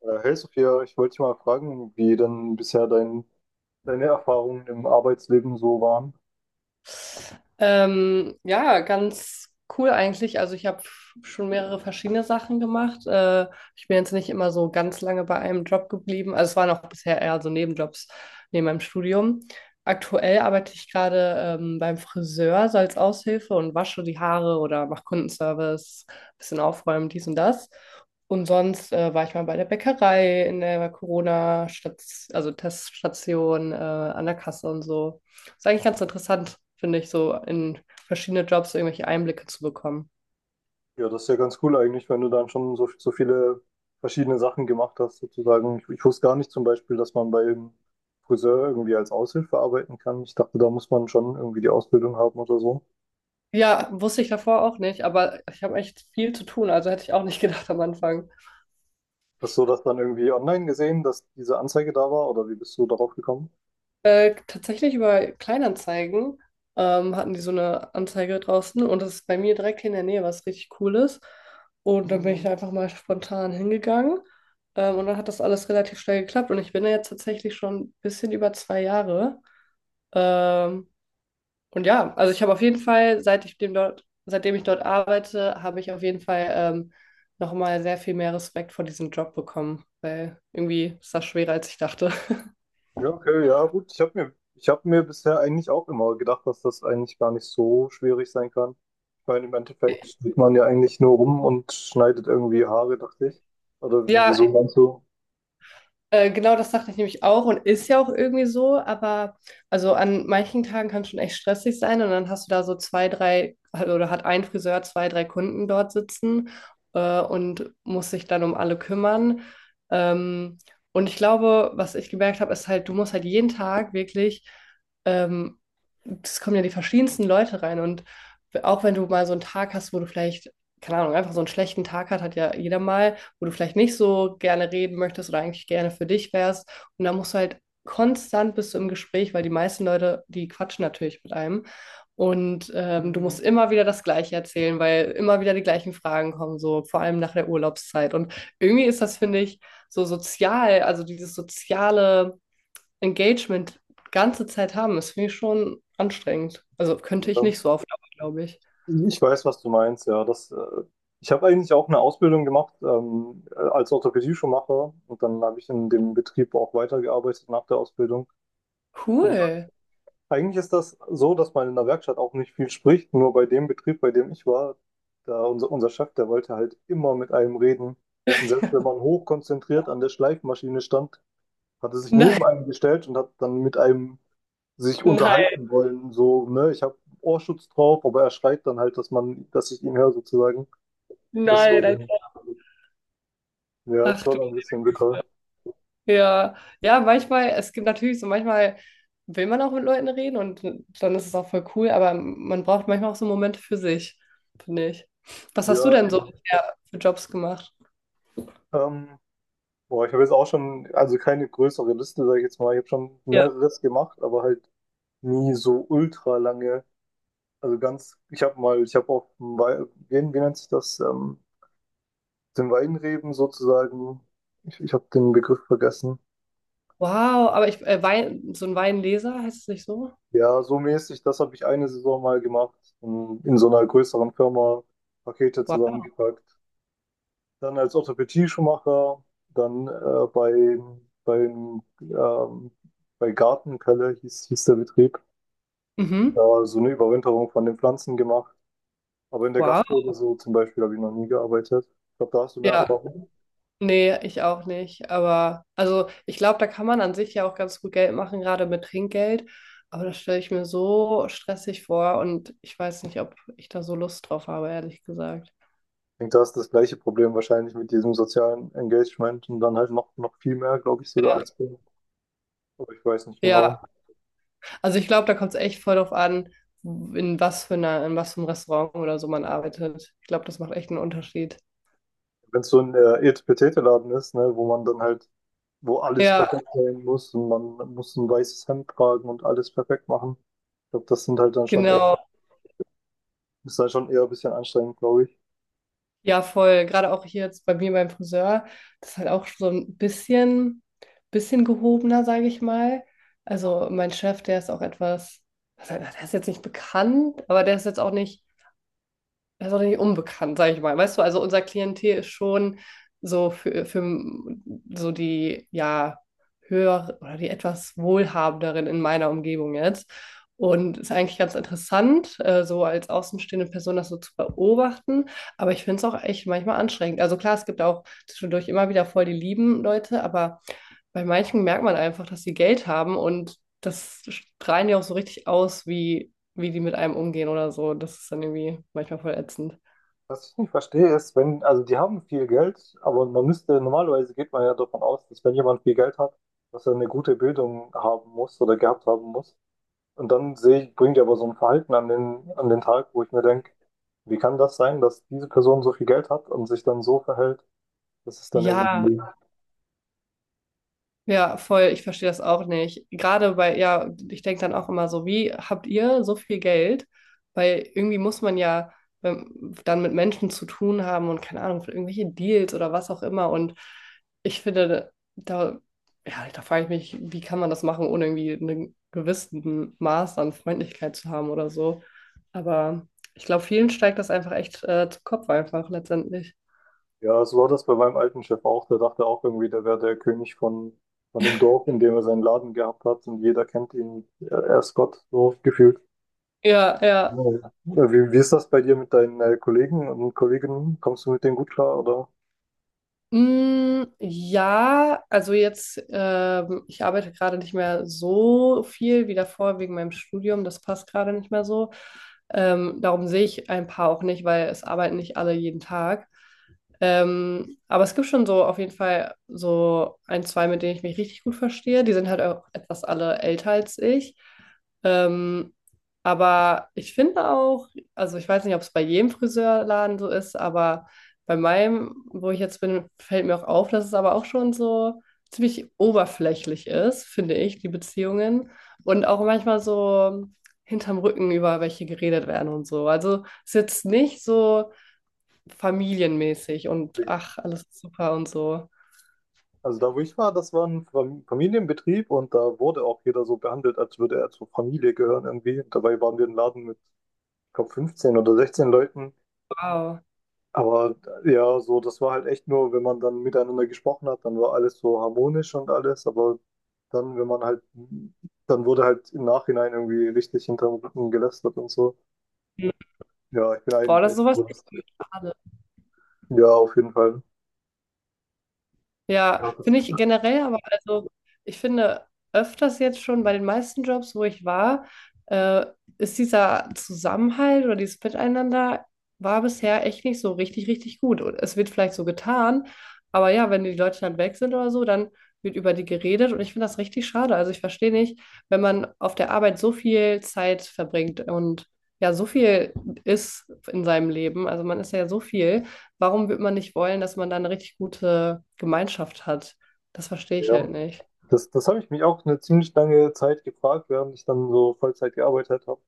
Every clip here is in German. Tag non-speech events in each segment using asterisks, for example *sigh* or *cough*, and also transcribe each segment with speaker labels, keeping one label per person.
Speaker 1: Hey Sophia, ich wollte dich mal fragen, wie denn bisher deine Erfahrungen im Arbeitsleben so waren.
Speaker 2: Ja, ganz cool eigentlich. Also ich habe schon mehrere verschiedene Sachen gemacht. Ich bin jetzt nicht immer so ganz lange bei einem Job geblieben. Also es waren auch bisher eher so Nebenjobs neben meinem Studium. Aktuell arbeite ich gerade beim Friseur, so als Aushilfe und wasche die Haare oder mache Kundenservice, bisschen aufräumen, dies und das. Und sonst war ich mal bei der Bäckerei in der Corona-Station, also Teststation, an der Kasse, und so ist eigentlich ganz interessant, finde ich, so in verschiedene Jobs so irgendwelche Einblicke zu bekommen.
Speaker 1: Ja, das ist ja ganz cool eigentlich, wenn du dann schon so viele verschiedene Sachen gemacht hast, sozusagen. Ich wusste gar nicht zum Beispiel, dass man beim Friseur irgendwie als Aushilfe arbeiten kann. Ich dachte, da muss man schon irgendwie die Ausbildung haben oder so.
Speaker 2: Ja, wusste ich davor auch nicht, aber ich habe echt viel zu tun, also hätte ich auch nicht *laughs* gedacht am Anfang.
Speaker 1: Hast du das dann irgendwie online gesehen, dass diese Anzeige da war oder wie bist du darauf gekommen?
Speaker 2: Tatsächlich über Kleinanzeigen hatten die so eine Anzeige draußen, und das ist bei mir direkt hier in der Nähe, was richtig cool ist. Und dann bin ich einfach mal spontan hingegangen, und dann hat das alles relativ schnell geklappt, und ich bin da jetzt tatsächlich schon ein bisschen über 2 Jahre. Ähm, Und ja, also ich habe auf jeden Fall, seitdem ich dort arbeite, habe ich auf jeden Fall nochmal sehr viel mehr Respekt vor diesem Job bekommen, weil irgendwie ist das schwerer, als ich dachte. *laughs*
Speaker 1: Ja, okay, ja, gut. Ich hab mir bisher eigentlich auch immer gedacht, dass das eigentlich gar nicht so schwierig sein kann. Ich meine, im Endeffekt steht man ja eigentlich nur rum und schneidet irgendwie Haare, dachte ich. Oder
Speaker 2: Ja.
Speaker 1: wieso meinst du?
Speaker 2: Genau, das dachte ich nämlich auch, und ist ja auch irgendwie so, aber also an manchen Tagen kann es schon echt stressig sein, und dann hast du da so oder hat ein Friseur zwei, drei Kunden dort sitzen und muss sich dann um alle kümmern. Ähm, und ich glaube, was ich gemerkt habe, ist halt, du musst halt jeden Tag wirklich. Ähm, es kommen ja die verschiedensten Leute rein. Und auch wenn du mal so einen Tag hast, wo du vielleicht, keine Ahnung, einfach so einen schlechten Tag hat, hat ja jeder mal, wo du vielleicht nicht so gerne reden möchtest oder eigentlich gerne für dich wärst. Und da musst du halt konstant bist du im Gespräch, weil die meisten Leute, die quatschen natürlich mit einem. Und du musst immer wieder das Gleiche erzählen, weil immer wieder die gleichen Fragen kommen, so vor allem nach der Urlaubszeit. Und irgendwie ist das, finde ich, so sozial, also dieses soziale Engagement ganze Zeit haben, ist für mich schon anstrengend. Also könnte ich
Speaker 1: Ja.
Speaker 2: nicht so auf Dauer, glaube ich.
Speaker 1: Ich weiß, was du meinst, ja. Ich habe eigentlich auch eine Ausbildung gemacht als Orthopädie-Schuhmacher und dann habe ich in dem Betrieb auch weitergearbeitet nach der Ausbildung. Und
Speaker 2: Cool. *laughs*
Speaker 1: eigentlich ist das so, dass man in der Werkstatt auch nicht viel spricht. Nur bei dem Betrieb, bei dem ich war, da unser Chef, der wollte halt immer mit einem reden. Und selbst wenn man hochkonzentriert an der Schleifmaschine stand, hat er sich neben
Speaker 2: Nein,
Speaker 1: einem gestellt und hat dann mit einem sich
Speaker 2: nein,
Speaker 1: unterhalten wollen. So, ne, ich habe Ohrschutz drauf, aber er schreit dann halt, dass ich ihn höre sozusagen. Das war
Speaker 2: nein. als
Speaker 1: dann, ja, das
Speaker 2: Ach
Speaker 1: war
Speaker 2: du,
Speaker 1: dann ein bisschen bitter.
Speaker 2: ja. Ja, manchmal, es gibt natürlich so, manchmal will man auch mit Leuten reden, und dann ist es auch voll cool, aber man braucht manchmal auch so Momente für sich, finde ich. Was
Speaker 1: Ja,
Speaker 2: hast du denn so
Speaker 1: eben.
Speaker 2: bisher für Jobs gemacht?
Speaker 1: Ähm, boah, ich habe jetzt auch schon, also keine größere Liste, sage ich jetzt mal. Ich habe schon
Speaker 2: Ja.
Speaker 1: mehreres gemacht, aber halt nie so ultra lange. Ich habe auch, wie nennt sich das? Den Weinreben sozusagen. Ich habe den Begriff vergessen.
Speaker 2: Wow, aber Wein, so ein Weinleser heißt es nicht so?
Speaker 1: Ja, so mäßig, das habe ich eine Saison mal gemacht, in so einer größeren Firma Pakete
Speaker 2: Wow.
Speaker 1: zusammengepackt. Dann als Orthopädie-Schuhmacher, dann beim, ähm, bei Gartenpelle hieß der Betrieb,
Speaker 2: Mhm.
Speaker 1: da so eine Überwinterung von den Pflanzen gemacht. Aber in der
Speaker 2: Wow.
Speaker 1: Gastro so zum Beispiel habe ich noch nie gearbeitet. Ich glaube, da hast du mehr
Speaker 2: Ja.
Speaker 1: Erfahrung.
Speaker 2: Nee, ich auch nicht. Aber also ich glaube, da kann man an sich ja auch ganz gut Geld machen, gerade mit Trinkgeld. Aber das stelle ich mir so stressig vor, und ich weiß nicht, ob ich da so Lust drauf habe, ehrlich gesagt.
Speaker 1: Ich denke, da ist das gleiche Problem wahrscheinlich mit diesem sozialen Engagement und dann halt noch viel mehr, glaube ich, sogar als bei- Aber ich weiß nicht genau.
Speaker 2: Ja, also ich glaube, da kommt es echt voll drauf an, in was für einem Restaurant oder so man arbeitet. Ich glaube, das macht echt einen Unterschied.
Speaker 1: Wenn es so ein Etepetete-Laden ist, ne, wo man dann halt, wo alles
Speaker 2: Ja,
Speaker 1: perfekt sein muss und man muss ein weißes Hemd tragen und alles perfekt machen. Ich glaube, das sind halt dann schon echt,
Speaker 2: genau.
Speaker 1: ist dann schon eher ein bisschen anstrengend, glaube ich.
Speaker 2: Ja, voll. Gerade auch hier jetzt bei mir beim Friseur, das ist halt auch so ein bisschen, gehobener, sage ich mal. Also mein Chef, der ist auch etwas, der ist jetzt nicht bekannt, aber der ist jetzt auch nicht, das ist auch nicht unbekannt, sage ich mal. Weißt du, also unser Klientel ist schon so für so die, ja, höher oder die etwas wohlhabenderen in meiner Umgebung jetzt. Und ist eigentlich ganz interessant, so als außenstehende Person das so zu beobachten. Aber ich finde es auch echt manchmal anstrengend. Also klar, es gibt auch zwischendurch immer wieder voll die lieben Leute, aber bei manchen merkt man einfach, dass sie Geld haben, und das strahlen ja auch so richtig aus, wie die mit einem umgehen oder so. Das ist dann irgendwie manchmal voll ätzend.
Speaker 1: Was ich nicht verstehe, ist, wenn, also die haben viel Geld, aber man müsste, normalerweise geht man ja davon aus, dass wenn jemand viel Geld hat, dass er eine gute Bildung haben muss oder gehabt haben muss. Und dann sehe ich, bringt er aber so ein Verhalten an den Tag, wo ich mir denke, wie kann das sein, dass diese Person so viel Geld hat und sich dann so verhält, dass es dann
Speaker 2: Ja,
Speaker 1: irgendwie,
Speaker 2: ja, voll. Ich verstehe das auch nicht. Gerade bei, ja, ich denke dann auch immer so, wie habt ihr so viel Geld? Weil irgendwie muss man ja dann mit Menschen zu tun haben, und keine Ahnung, für irgendwelche Deals oder was auch immer. Und ich finde, da, ja, da frage ich mich, wie kann man das machen, ohne irgendwie einen gewissen Maß an Freundlichkeit zu haben oder so. Aber ich glaube, vielen steigt das einfach echt zu Kopf einfach letztendlich.
Speaker 1: ja, so war das bei meinem alten Chef auch, der dachte auch irgendwie, der wäre der König von dem Dorf, in dem er seinen Laden gehabt hat und jeder kennt ihn, er ist Gott, so gefühlt.
Speaker 2: Ja, ja.
Speaker 1: Ja, wie ist das bei dir mit deinen Kollegen und Kolleginnen? Kommst du mit denen gut klar, oder?
Speaker 2: Mm, ja, also jetzt, ich arbeite gerade nicht mehr so viel wie davor wegen meinem Studium. Das passt gerade nicht mehr so. Darum sehe ich ein paar auch nicht, weil es arbeiten nicht alle jeden Tag. Aber es gibt schon so auf jeden Fall so ein, zwei, mit denen ich mich richtig gut verstehe. Die sind halt auch etwas alle älter als ich. Ähm, aber ich finde auch, also ich weiß nicht, ob es bei jedem Friseurladen so ist, aber bei meinem, wo ich jetzt bin, fällt mir auch auf, dass es aber auch schon so ziemlich oberflächlich ist, finde ich, die Beziehungen. Und auch manchmal so hinterm Rücken über welche geredet werden und so. Also es ist jetzt nicht so familienmäßig und ach, alles ist super und so.
Speaker 1: Also da, wo ich war, das war ein Familienbetrieb und da wurde auch jeder so behandelt, als würde er zur Familie gehören irgendwie. Und dabei waren wir ein Laden mit, ich glaube, 15 oder 16 Leuten.
Speaker 2: Wow.
Speaker 1: Aber ja, so, das war halt echt nur, wenn man dann miteinander gesprochen hat, dann war alles so harmonisch und alles. Aber dann, wenn man halt, dann wurde halt im Nachhinein irgendwie richtig hinterm Rücken gelästert und so.
Speaker 2: Hm.
Speaker 1: Ja, ich bin
Speaker 2: Boah,
Speaker 1: eigentlich
Speaker 2: das ist
Speaker 1: echt.
Speaker 2: sowas.
Speaker 1: Gut. Ja, auf jeden Fall.
Speaker 2: Ja,
Speaker 1: Ja, das,
Speaker 2: finde ich generell, aber also ich finde öfters jetzt schon bei den meisten Jobs, wo ich war, äh, ist dieser Zusammenhalt oder dieses Miteinander war bisher echt nicht so richtig, richtig gut. Und es wird vielleicht so getan, aber ja, wenn die Leute dann weg sind oder so, dann wird über die geredet, und ich finde das richtig schade. Also ich verstehe nicht, wenn man auf der Arbeit so viel Zeit verbringt und ja, so viel ist in seinem Leben, also man ist ja so viel, warum wird man nicht wollen, dass man da eine richtig gute Gemeinschaft hat? Das verstehe ich
Speaker 1: ja.
Speaker 2: halt nicht.
Speaker 1: Das habe ich mich auch eine ziemlich lange Zeit gefragt, während ich dann so Vollzeit gearbeitet habe.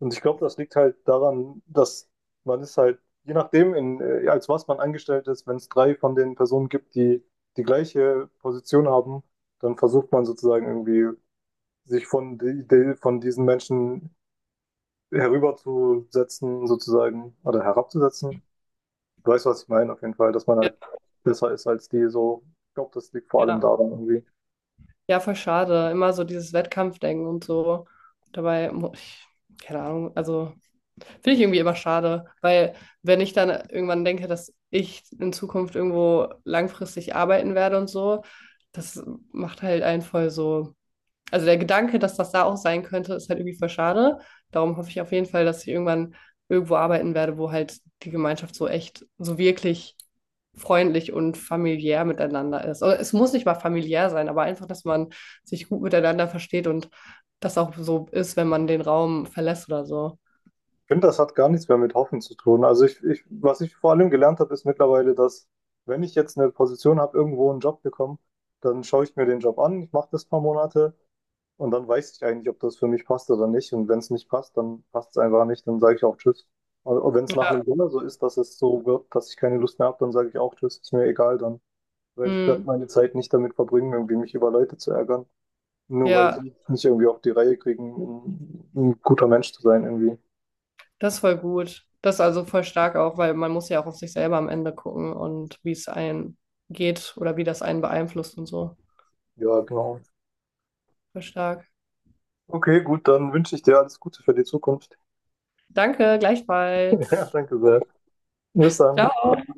Speaker 1: Und ich glaube, das liegt halt daran, dass man ist halt, je nachdem, als was man angestellt ist, wenn es drei von den Personen gibt, die die gleiche Position haben, dann versucht man sozusagen irgendwie, sich von diesen Menschen herüberzusetzen, sozusagen, oder herabzusetzen. Du weißt, was ich meine, auf jeden Fall, dass man
Speaker 2: Ja,
Speaker 1: halt besser ist als die so. Ich glaube, das liegt vor allem
Speaker 2: ja.
Speaker 1: daran irgendwie.
Speaker 2: Ja, voll schade. Immer so dieses Wettkampfdenken und so. Dabei, ich, keine Ahnung, also finde ich irgendwie immer schade, weil wenn ich dann irgendwann denke, dass ich in Zukunft irgendwo langfristig arbeiten werde und so, das macht halt einen voll so, also der Gedanke, dass das da auch sein könnte, ist halt irgendwie voll schade. Darum hoffe ich auf jeden Fall, dass ich irgendwann irgendwo arbeiten werde, wo halt die Gemeinschaft so echt, so wirklich freundlich und familiär miteinander ist. Oder es muss nicht mal familiär sein, aber einfach, dass man sich gut miteinander versteht, und das auch so ist, wenn man den Raum verlässt oder so.
Speaker 1: Ich finde, das hat gar nichts mehr mit Hoffen zu tun. Also was ich vor allem gelernt habe, ist mittlerweile, dass wenn ich jetzt eine Position habe, irgendwo einen Job bekomme, dann schaue ich mir den Job an, ich mache das ein paar Monate und dann weiß ich eigentlich, ob das für mich passt oder nicht. Und wenn es nicht passt, dann passt es einfach nicht, dann sage ich auch Tschüss. Und wenn es nach einem Dinner so ist, dass es so wird, dass ich keine Lust mehr habe, dann sage ich auch Tschüss, ist mir egal dann. Weil ich werde
Speaker 2: Hm,
Speaker 1: meine Zeit nicht damit verbringen, irgendwie mich über Leute zu ärgern. Nur weil
Speaker 2: ja,
Speaker 1: die nicht irgendwie auf die Reihe kriegen, ein guter Mensch zu sein irgendwie.
Speaker 2: das ist voll gut. Das ist also voll stark auch, weil man muss ja auch auf sich selber am Ende gucken, und wie es einen geht oder wie das einen beeinflusst und so.
Speaker 1: Ja, genau.
Speaker 2: Voll stark.
Speaker 1: Okay, gut, dann wünsche ich dir alles Gute für die Zukunft. *laughs*
Speaker 2: Danke,
Speaker 1: Ja,
Speaker 2: gleichfalls.
Speaker 1: danke sehr. Bis dann.
Speaker 2: Ciao.